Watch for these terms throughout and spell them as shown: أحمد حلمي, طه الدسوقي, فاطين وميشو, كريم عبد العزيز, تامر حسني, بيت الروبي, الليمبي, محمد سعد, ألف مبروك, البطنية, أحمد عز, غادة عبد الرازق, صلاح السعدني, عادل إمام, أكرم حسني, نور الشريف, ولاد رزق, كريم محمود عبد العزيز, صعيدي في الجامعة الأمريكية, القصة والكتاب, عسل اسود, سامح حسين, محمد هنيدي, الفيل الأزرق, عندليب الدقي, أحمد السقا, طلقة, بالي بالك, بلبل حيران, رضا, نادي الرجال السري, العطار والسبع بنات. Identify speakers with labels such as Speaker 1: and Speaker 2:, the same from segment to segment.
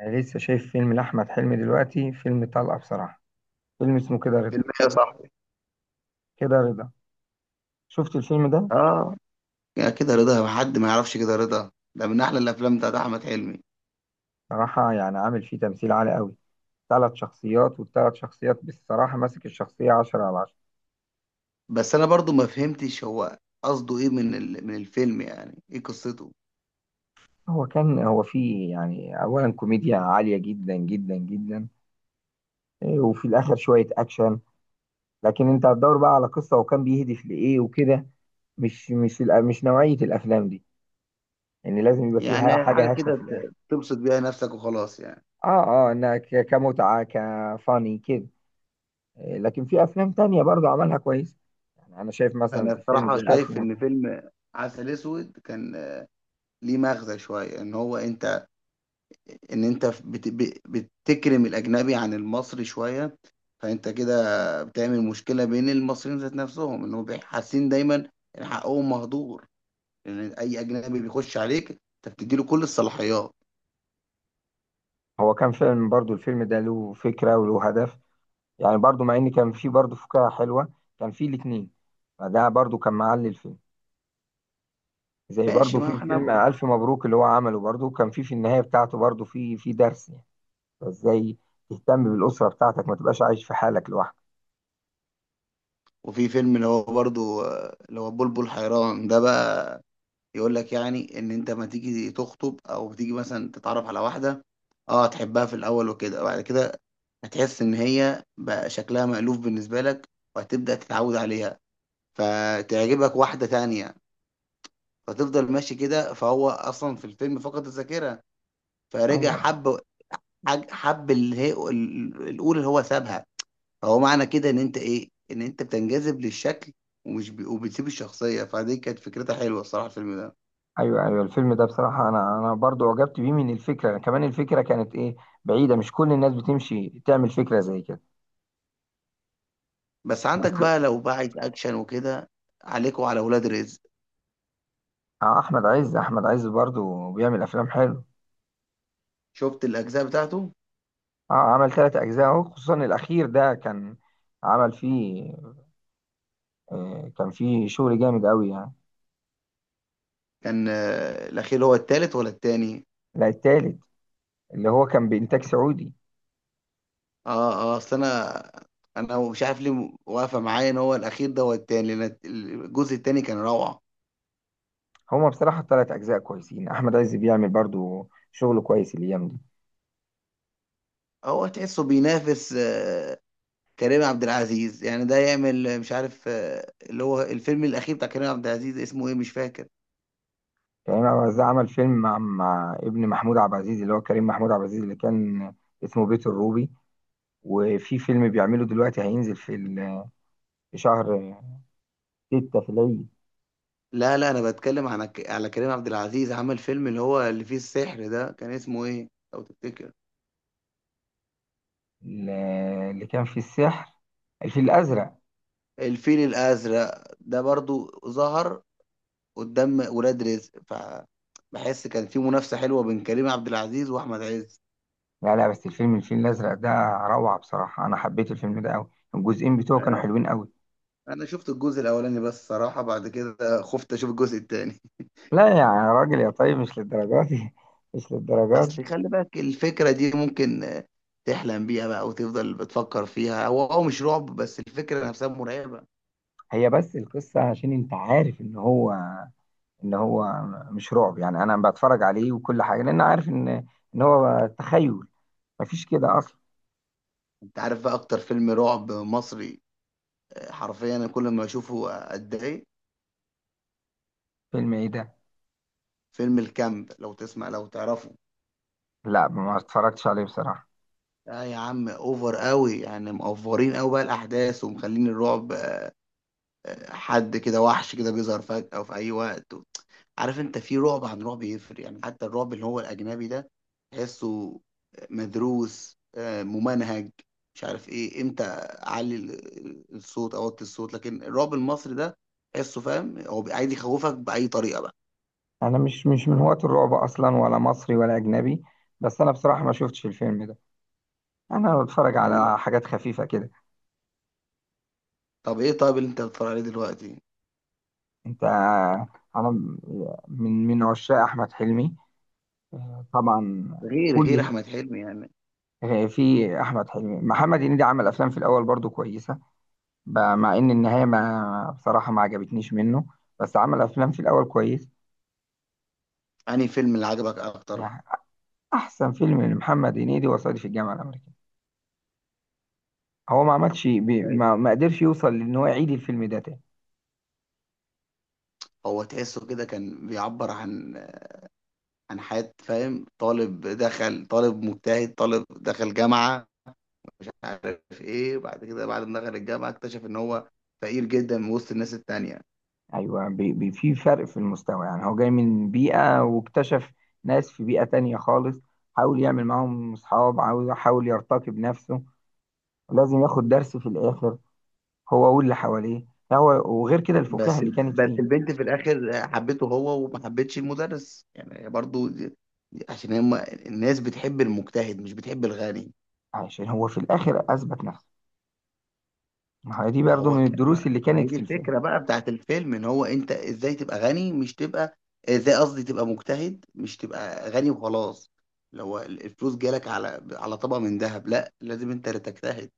Speaker 1: أنا لسه شايف فيلم لأحمد حلمي دلوقتي، فيلم طلقة بصراحة. فيلم اسمه كده رضا.
Speaker 2: فيلم يا صاحبي.
Speaker 1: كده رضا، شفت الفيلم ده؟
Speaker 2: اه، يا كده رضا، حد ما يعرفش كده رضا ده من احلى الافلام بتاعت احمد حلمي.
Speaker 1: صراحة يعني عامل فيه تمثيل عالي قوي. ثلاث شخصيات، والثلاث شخصيات بصراحة ماسك الشخصية 10/10.
Speaker 2: بس انا برضو ما فهمتش هو قصده ايه من الفيلم، يعني ايه قصته.
Speaker 1: هو فيه يعني أولا كوميديا عالية جدا جدا جدا. وفي الآخر شوية أكشن. لكن أنت هتدور بقى على قصة وكان بيهدف لإيه وكده. مش نوعية الأفلام دي. ان يعني لازم يبقى فيها
Speaker 2: يعني حاجه
Speaker 1: حاجة هادفة
Speaker 2: كده
Speaker 1: في الآخر.
Speaker 2: تبسط بيها نفسك وخلاص يعني.
Speaker 1: اه. اه، إنها كمتعة كفاني كده. لكن في افلام تانية برضو عملها كويس. يعني انا شايف مثلا
Speaker 2: انا
Speaker 1: فيلم
Speaker 2: بصراحه
Speaker 1: زي الف
Speaker 2: شايف ان
Speaker 1: مبروك.
Speaker 2: فيلم عسل اسود كان ليه مغزى شويه، ان هو انت، ان انت بتكرم الاجنبي عن المصري شويه، فانت كده بتعمل مشكله بين المصريين ذات نفسهم، ان هم حاسين دايما ان حقهم مهدور، لان اي اجنبي بيخش عليك انت بتديله كل الصلاحيات.
Speaker 1: هو كان فيلم، برضو الفيلم ده له فكرة وله هدف. يعني برضو مع ان كان فيه برضو فكاهة حلوة. كان فيه الاتنين، فده برضو كان معلي الفيلم. زي
Speaker 2: ماشي،
Speaker 1: برضو
Speaker 2: ما
Speaker 1: في
Speaker 2: احنا
Speaker 1: فيلم
Speaker 2: ب...
Speaker 1: الف مبروك اللي هو عمله برضو، كان فيه في النهاية بتاعته برضو فيه درس يعني. ازاي تهتم بالأسرة بتاعتك، ما تبقاش عايش في حالك لوحدك.
Speaker 2: وفي فيلم اللي هو برضو اللي هو بلبل حيران ده بقى، يقول لك يعني ان انت ما تيجي تخطب او تيجي مثلا تتعرف على واحده، اه تحبها في الاول وكده، وبعد كده هتحس ان هي بقى شكلها مألوف بالنسبه لك، وهتبدأ تتعود عليها، فتعجبك واحده تانية، فتفضل ماشي كده. فهو اصلا في الفيلم فقد الذاكره، فرجع
Speaker 1: ايوه،
Speaker 2: حب حب اللي هي الاولى اللي هو سابها. فهو معنى كده ان انت ايه، ان انت بتنجذب للشكل وبتسيب الشخصيه. فدي كانت فكرتها حلوه الصراحه الفيلم ده.
Speaker 1: ايوه، ايوه، الفيلم ده بصراحه انا برضو عجبت بيه من الفكره، كمان الفكره كانت ايه؟ بعيده، مش كل الناس بتمشي تعمل فكره زي كده.
Speaker 2: بس
Speaker 1: بس
Speaker 2: عندك بقى لو بقى عايز اكشن وكده، عليك وعلى ولاد رزق.
Speaker 1: احمد عز برضو بيعمل افلام حلو.
Speaker 2: شفت الاجزاء بتاعته؟
Speaker 1: اه، عمل ثلاث اجزاء اهو، خصوصا الاخير ده كان. عمل فيه، كان فيه شغل جامد قوي يعني.
Speaker 2: كان الاخير هو التالت ولا التاني؟
Speaker 1: لا، التالت، اللي هو كان بانتاج سعودي.
Speaker 2: اه اه، اصل انا، انا مش عارف ليه واقفه معايا ان هو الاخير ده هو التاني، لان الجزء التاني كان روعه.
Speaker 1: هما بصراحه الثلاث اجزاء كويسين، احمد عز بيعمل برضو شغل كويس الايام دي.
Speaker 2: هو تحسه بينافس كريم عبد العزيز، يعني ده يعمل مش عارف اللي هو الفيلم الأخير بتاع كريم عبد العزيز اسمه إيه مش فاكر.
Speaker 1: كريم عبد العزيز عمل فيلم مع ابن محمود عبد العزيز اللي هو كريم محمود عبد العزيز، اللي كان اسمه بيت الروبي. وفي فيلم بيعمله دلوقتي هينزل في في شهر ستة في العيد.
Speaker 2: لا لا، أنا بتكلم عن على كريم عبد العزيز، عمل فيلم اللي هو اللي فيه السحر ده كان اسمه إيه لو تفتكر.
Speaker 1: ل- اللي كان فيه السحر، الفيل الأزرق.
Speaker 2: الفيل الأزرق ده برضو ظهر قدام ولاد رزق، فبحس كان في منافسة حلوة بين كريم عبد العزيز وأحمد عز.
Speaker 1: لا لا، بس الفيلم الفيل الأزرق ده روعة بصراحة. أنا حبيت الفيلم ده أوي، الجزئين بتوعه كانوا
Speaker 2: أنا
Speaker 1: حلوين أوي.
Speaker 2: أنا شفت الجزء الأولاني بس، صراحة بعد كده خفت أشوف الجزء التاني.
Speaker 1: لا يعني يا راجل يا طيب، مش للدرجات دي مش للدرجات دي.
Speaker 2: اصل خلي بالك الفكره دي ممكن تحلم بيها بقى وتفضل بتفكر فيها. هو مش رعب بس الفكره نفسها مرعبه.
Speaker 1: هي بس القصة، عشان أنت عارف إن هو مش رعب يعني. أنا بتفرج عليه وكل حاجة لأن عارف إن، إن هو تخيل، مفيش كده أصلا.
Speaker 2: انت عارف بقى اكتر فيلم رعب مصري؟ حرفيا انا كل ما اشوفه اتضايق.
Speaker 1: فيلم إيه ده؟
Speaker 2: فيلم الكامب، لو تسمع لو تعرفه.
Speaker 1: لا ما اتفرجتش عليه بصراحة.
Speaker 2: لا يا عم، اوفر قوي يعني، مقفرين قوي بقى الاحداث ومخلين الرعب. حد كده وحش كده بيظهر فجأة في اي وقت. عارف انت، في رعب عن رعب يفرق يعني، حتى الرعب اللي هو الاجنبي ده تحسه مدروس، ممنهج، مش عارف ايه، امتى اعلي الصوت اوطي الصوت. لكن الرعب المصري ده تحسه فاهم هو عايز يخوفك باي طريقه بقى.
Speaker 1: أنا مش من هواة الرعب أصلا، ولا مصري ولا أجنبي. بس أنا بصراحة ما شفتش الفيلم ده. انا بتفرج
Speaker 2: والله.
Speaker 1: على حاجات خفيفه كده.
Speaker 2: طب ايه طيب اللي انت بتتفرج عليه دلوقتي؟
Speaker 1: انت انا من عشاق احمد حلمي طبعا.
Speaker 2: غير
Speaker 1: كل،
Speaker 2: احمد حلمي يعني،
Speaker 1: في احمد حلمي، محمد هنيدي عمل افلام في الاول برضو كويسه. مع ان النهايه ما بصراحه ما عجبتنيش منه، بس عمل افلام في الاول كويس.
Speaker 2: انهي فيلم اللي عجبك اكتر؟
Speaker 1: يعني احسن فيلم لمحمد هنيدي وصعيدي في الجامعه الامريكيه. هو ما عملش بي-
Speaker 2: طيب.
Speaker 1: ما ما قدرش يوصل، لان هو يعيد الفيلم ده تاني.
Speaker 2: هو تحسه كده كان بيعبر عن عن حياة فاهم، طالب دخل، طالب مجتهد، طالب دخل جامعة عارف ايه، وبعد كده بعد ما دخل الجامعه اكتشف ان هو فقير جدا من وسط الناس التانية.
Speaker 1: ايوه، بي بي في فرق في المستوى يعني. هو جاي من بيئه واكتشف ناس في بيئه تانية خالص. حاول يعمل معاهم اصحاب، عاوز حاول يرتقي بنفسه. ولازم ياخد درس في الاخر هو واللي حواليه. هو وغير كده الفكاهه
Speaker 2: بس
Speaker 1: اللي كانت
Speaker 2: بس
Speaker 1: فيه.
Speaker 2: البنت في الاخر حبته هو وما حبتش المدرس، يعني هي برضو عشان هم الناس بتحب المجتهد مش بتحب الغني.
Speaker 1: عشان هو في الاخر اثبت نفسه. ما هي دي
Speaker 2: ما
Speaker 1: برضو
Speaker 2: هو
Speaker 1: من
Speaker 2: ك... ما...
Speaker 1: الدروس اللي
Speaker 2: ما هي
Speaker 1: كانت
Speaker 2: دي
Speaker 1: في الفيلم.
Speaker 2: الفكره بقى بتاعت الفيلم، ان هو انت ازاي تبقى غني مش تبقى، ازاي قصدي تبقى مجتهد مش تبقى غني وخلاص. لو الفلوس جالك على على طبق من ذهب، لا لازم انت اللي تجتهد.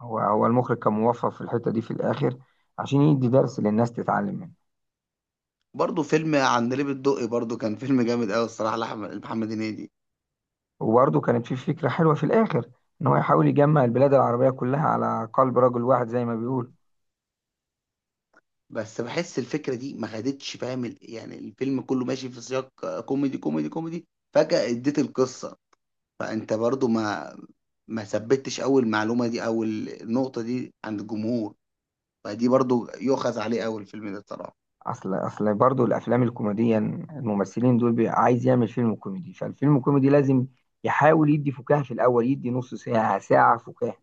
Speaker 1: هو المخرج كان موفق في الحته دي في الاخر، عشان يدي درس للناس تتعلم منه.
Speaker 2: برضه فيلم عندليب الدقي برضه كان فيلم جامد قوي الصراحه لاحمد محمد هنيدي.
Speaker 1: وبرضه كانت في فكره حلوه في الاخر، ان هو يحاول يجمع البلاد العربيه كلها على قلب رجل واحد زي ما بيقول.
Speaker 2: بس بحس الفكره دي ما خدتش فاهم يعني الفيلم كله ماشي في سياق كوميدي كوميدي كوميدي، فجاه اديت القصه، فانت برضه ما ثبتش اول معلومه دي او النقطه دي عند الجمهور، فدي برضه يؤخذ عليه اول الفيلم ده الصراحه.
Speaker 1: اصل برضو الافلام الكوميديه، الممثلين دول عايز يعمل فيلم كوميدي، فالفيلم الكوميدي لازم يحاول يدي فكاهه في الاول، يدي نص ساعه ساعه فكاهه،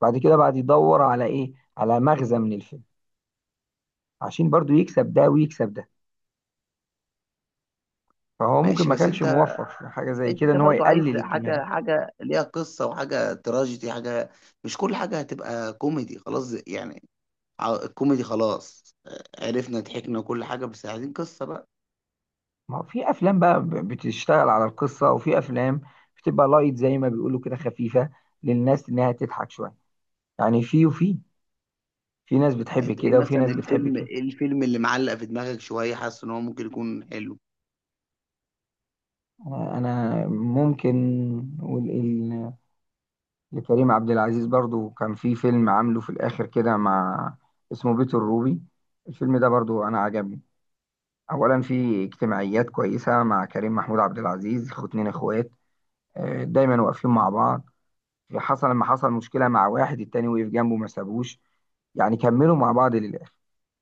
Speaker 1: بعد كده بعد يدور على ايه، على مغزى من الفيلم، عشان برضو يكسب ده ويكسب ده. فهو ممكن
Speaker 2: ماشي
Speaker 1: ما
Speaker 2: بس
Speaker 1: كانش
Speaker 2: انت،
Speaker 1: موفق في حاجه زي كده،
Speaker 2: انت
Speaker 1: ان هو
Speaker 2: برضه عايز
Speaker 1: يقلل الكميه دي.
Speaker 2: حاجه، حاجه ليها قصه وحاجه تراجيدي حاجه، مش كل حاجه هتبقى كوميدي خلاص يعني. الكوميدي خلاص، عرفنا ضحكنا وكل حاجة، بس عايزين قصة بقى.
Speaker 1: ما هو في افلام بقى بتشتغل على القصه، وفي افلام بتبقى لايت زي ما بيقولوا كده، خفيفه للناس انها تضحك شويه. يعني في وفي، في ناس بتحب
Speaker 2: انت ايه
Speaker 1: كده وفي
Speaker 2: مثلا
Speaker 1: ناس بتحب
Speaker 2: الفيلم،
Speaker 1: كده.
Speaker 2: ايه الفيلم اللي معلق في دماغك شوية حاسس ان هو ممكن يكون حلو؟
Speaker 1: انا ممكن نقول ايه لكريم عبد العزيز. برضو كان في فيلم عامله في الاخر كده مع، اسمه بيت الروبي. الفيلم ده برضو انا عجبني. اولا في اجتماعيات كويسه مع كريم محمود عبد العزيز، اتنين اخوات دايما واقفين مع بعض. حصل لما حصل مشكله مع واحد، التاني وقف جنبه، ما سابوش، يعني كملوا مع بعض للاخر.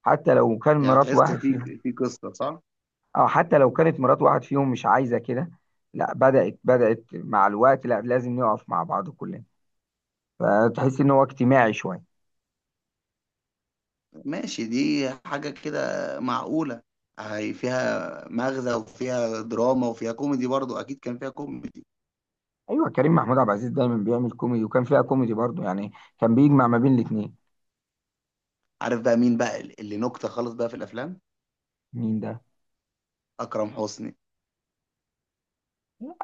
Speaker 1: حتى لو كان
Speaker 2: يعني
Speaker 1: مرات
Speaker 2: تحس
Speaker 1: واحد
Speaker 2: فيه
Speaker 1: فيهم،
Speaker 2: في قصة صح؟
Speaker 1: او حتى لو كانت مرات واحد فيهم مش عايزه كده. لا بدأت مع الوقت، لا لازم نقف مع بعض كلنا. فتحس ان هو اجتماعي شويه.
Speaker 2: ماشي، دي حاجة كده معقولة، هي فيها مغزى وفيها دراما وفيها كوميدي برضو، اكيد كان فيها كوميدي.
Speaker 1: ايوه، كريم محمود عبد العزيز دايما بيعمل كوميدي، وكان فيها كوميدي برضه يعني. كان بيجمع ما بين الاثنين.
Speaker 2: عارف بقى مين بقى اللي نكتة خالص بقى في الافلام؟
Speaker 1: مين ده؟
Speaker 2: اكرم حسني.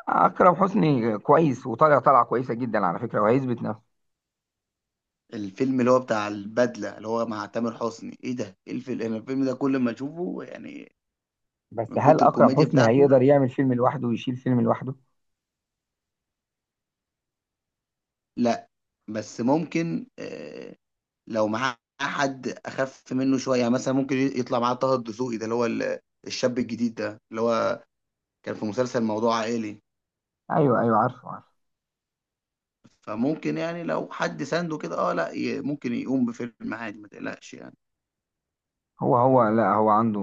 Speaker 1: اكرم حسني كويس، وطالع، طالعه كويسه جدا على فكره، وهيثبت نفسه.
Speaker 2: الفيلم اللي هو بتاع البدلة اللي هو مع تامر حسني ايه ده، ايه الفيلم، انا الفيلم ده كل ما اشوفه يعني
Speaker 1: بس
Speaker 2: من
Speaker 1: هل
Speaker 2: كتر
Speaker 1: اكرم
Speaker 2: الكوميديا
Speaker 1: حسني
Speaker 2: بتاعته.
Speaker 1: هيقدر يعمل فيلم لوحده ويشيل فيلم لوحده؟
Speaker 2: لا. بس ممكن لو معاه حد اخف منه شويه، يعني مثلا ممكن يطلع معاه طه الدسوقي ده اللي هو الشاب الجديد ده اللي هو كان في مسلسل موضوع عائلي،
Speaker 1: ايوه، ايوه، عارفه عارفه.
Speaker 2: فممكن يعني لو حد سانده كده اه، لا ممكن يقوم بفيلم عادي ما تقلقش يعني.
Speaker 1: هو لا، هو عنده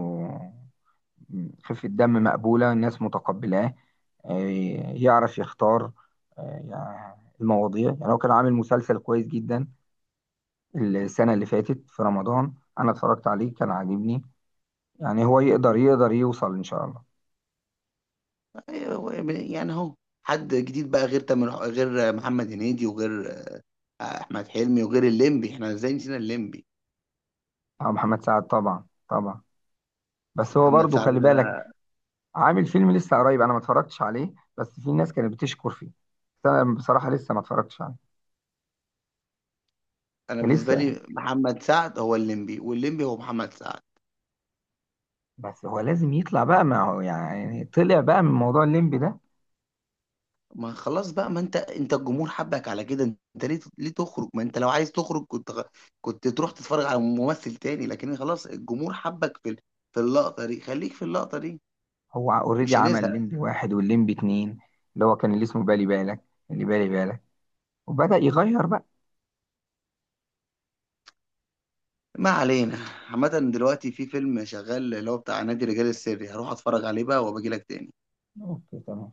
Speaker 1: خفه دم مقبوله، الناس متقبلاه. يعرف يختار آه، يعني المواضيع. يعني هو كان عامل مسلسل كويس جدا السنة اللي فاتت في رمضان، أنا اتفرجت عليه كان عاجبني. يعني هو يقدر يوصل إن شاء الله.
Speaker 2: يعني اهو، حد جديد بقى غير تامر غير محمد هنيدي وغير احمد حلمي وغير الليمبي، احنا ازاي نسينا الليمبي،
Speaker 1: أو محمد سعد، طبعا طبعا. بس هو
Speaker 2: محمد
Speaker 1: برضو
Speaker 2: سعد
Speaker 1: خلي بالك،
Speaker 2: ده.
Speaker 1: عامل فيلم لسه قريب أنا ما اتفرجتش عليه، بس في ناس كانت بتشكر فيه، بس أنا بصراحة لسه ما اتفرجتش عليه.
Speaker 2: انا بالنسبه
Speaker 1: لسه،
Speaker 2: لي محمد سعد هو الليمبي والليمبي هو محمد سعد.
Speaker 1: بس هو لازم يطلع بقى، ما هو يعني طلع بقى من موضوع الليمبي ده.
Speaker 2: ما خلاص بقى، ما انت انت الجمهور حبك على كده، انت ليه ليه تخرج، ما انت لو عايز تخرج كنت كنت تروح تتفرج على ممثل تاني، لكن خلاص الجمهور حبك في في اللقطة دي خليك في اللقطة دي.
Speaker 1: هو اوريدي
Speaker 2: مش
Speaker 1: عمل
Speaker 2: هنزهق.
Speaker 1: الليمبي واحد والليمبي اتنين اللي هو كان اللي اسمه بالي بالك، اللي بالي بالك، وبدأ يغير بقى.
Speaker 2: ما علينا. عامة دلوقتي في فيلم شغال اللي هو بتاع نادي الرجال السري، هروح اتفرج عليه بقى وابجي لك تاني.
Speaker 1: اوكي تمام.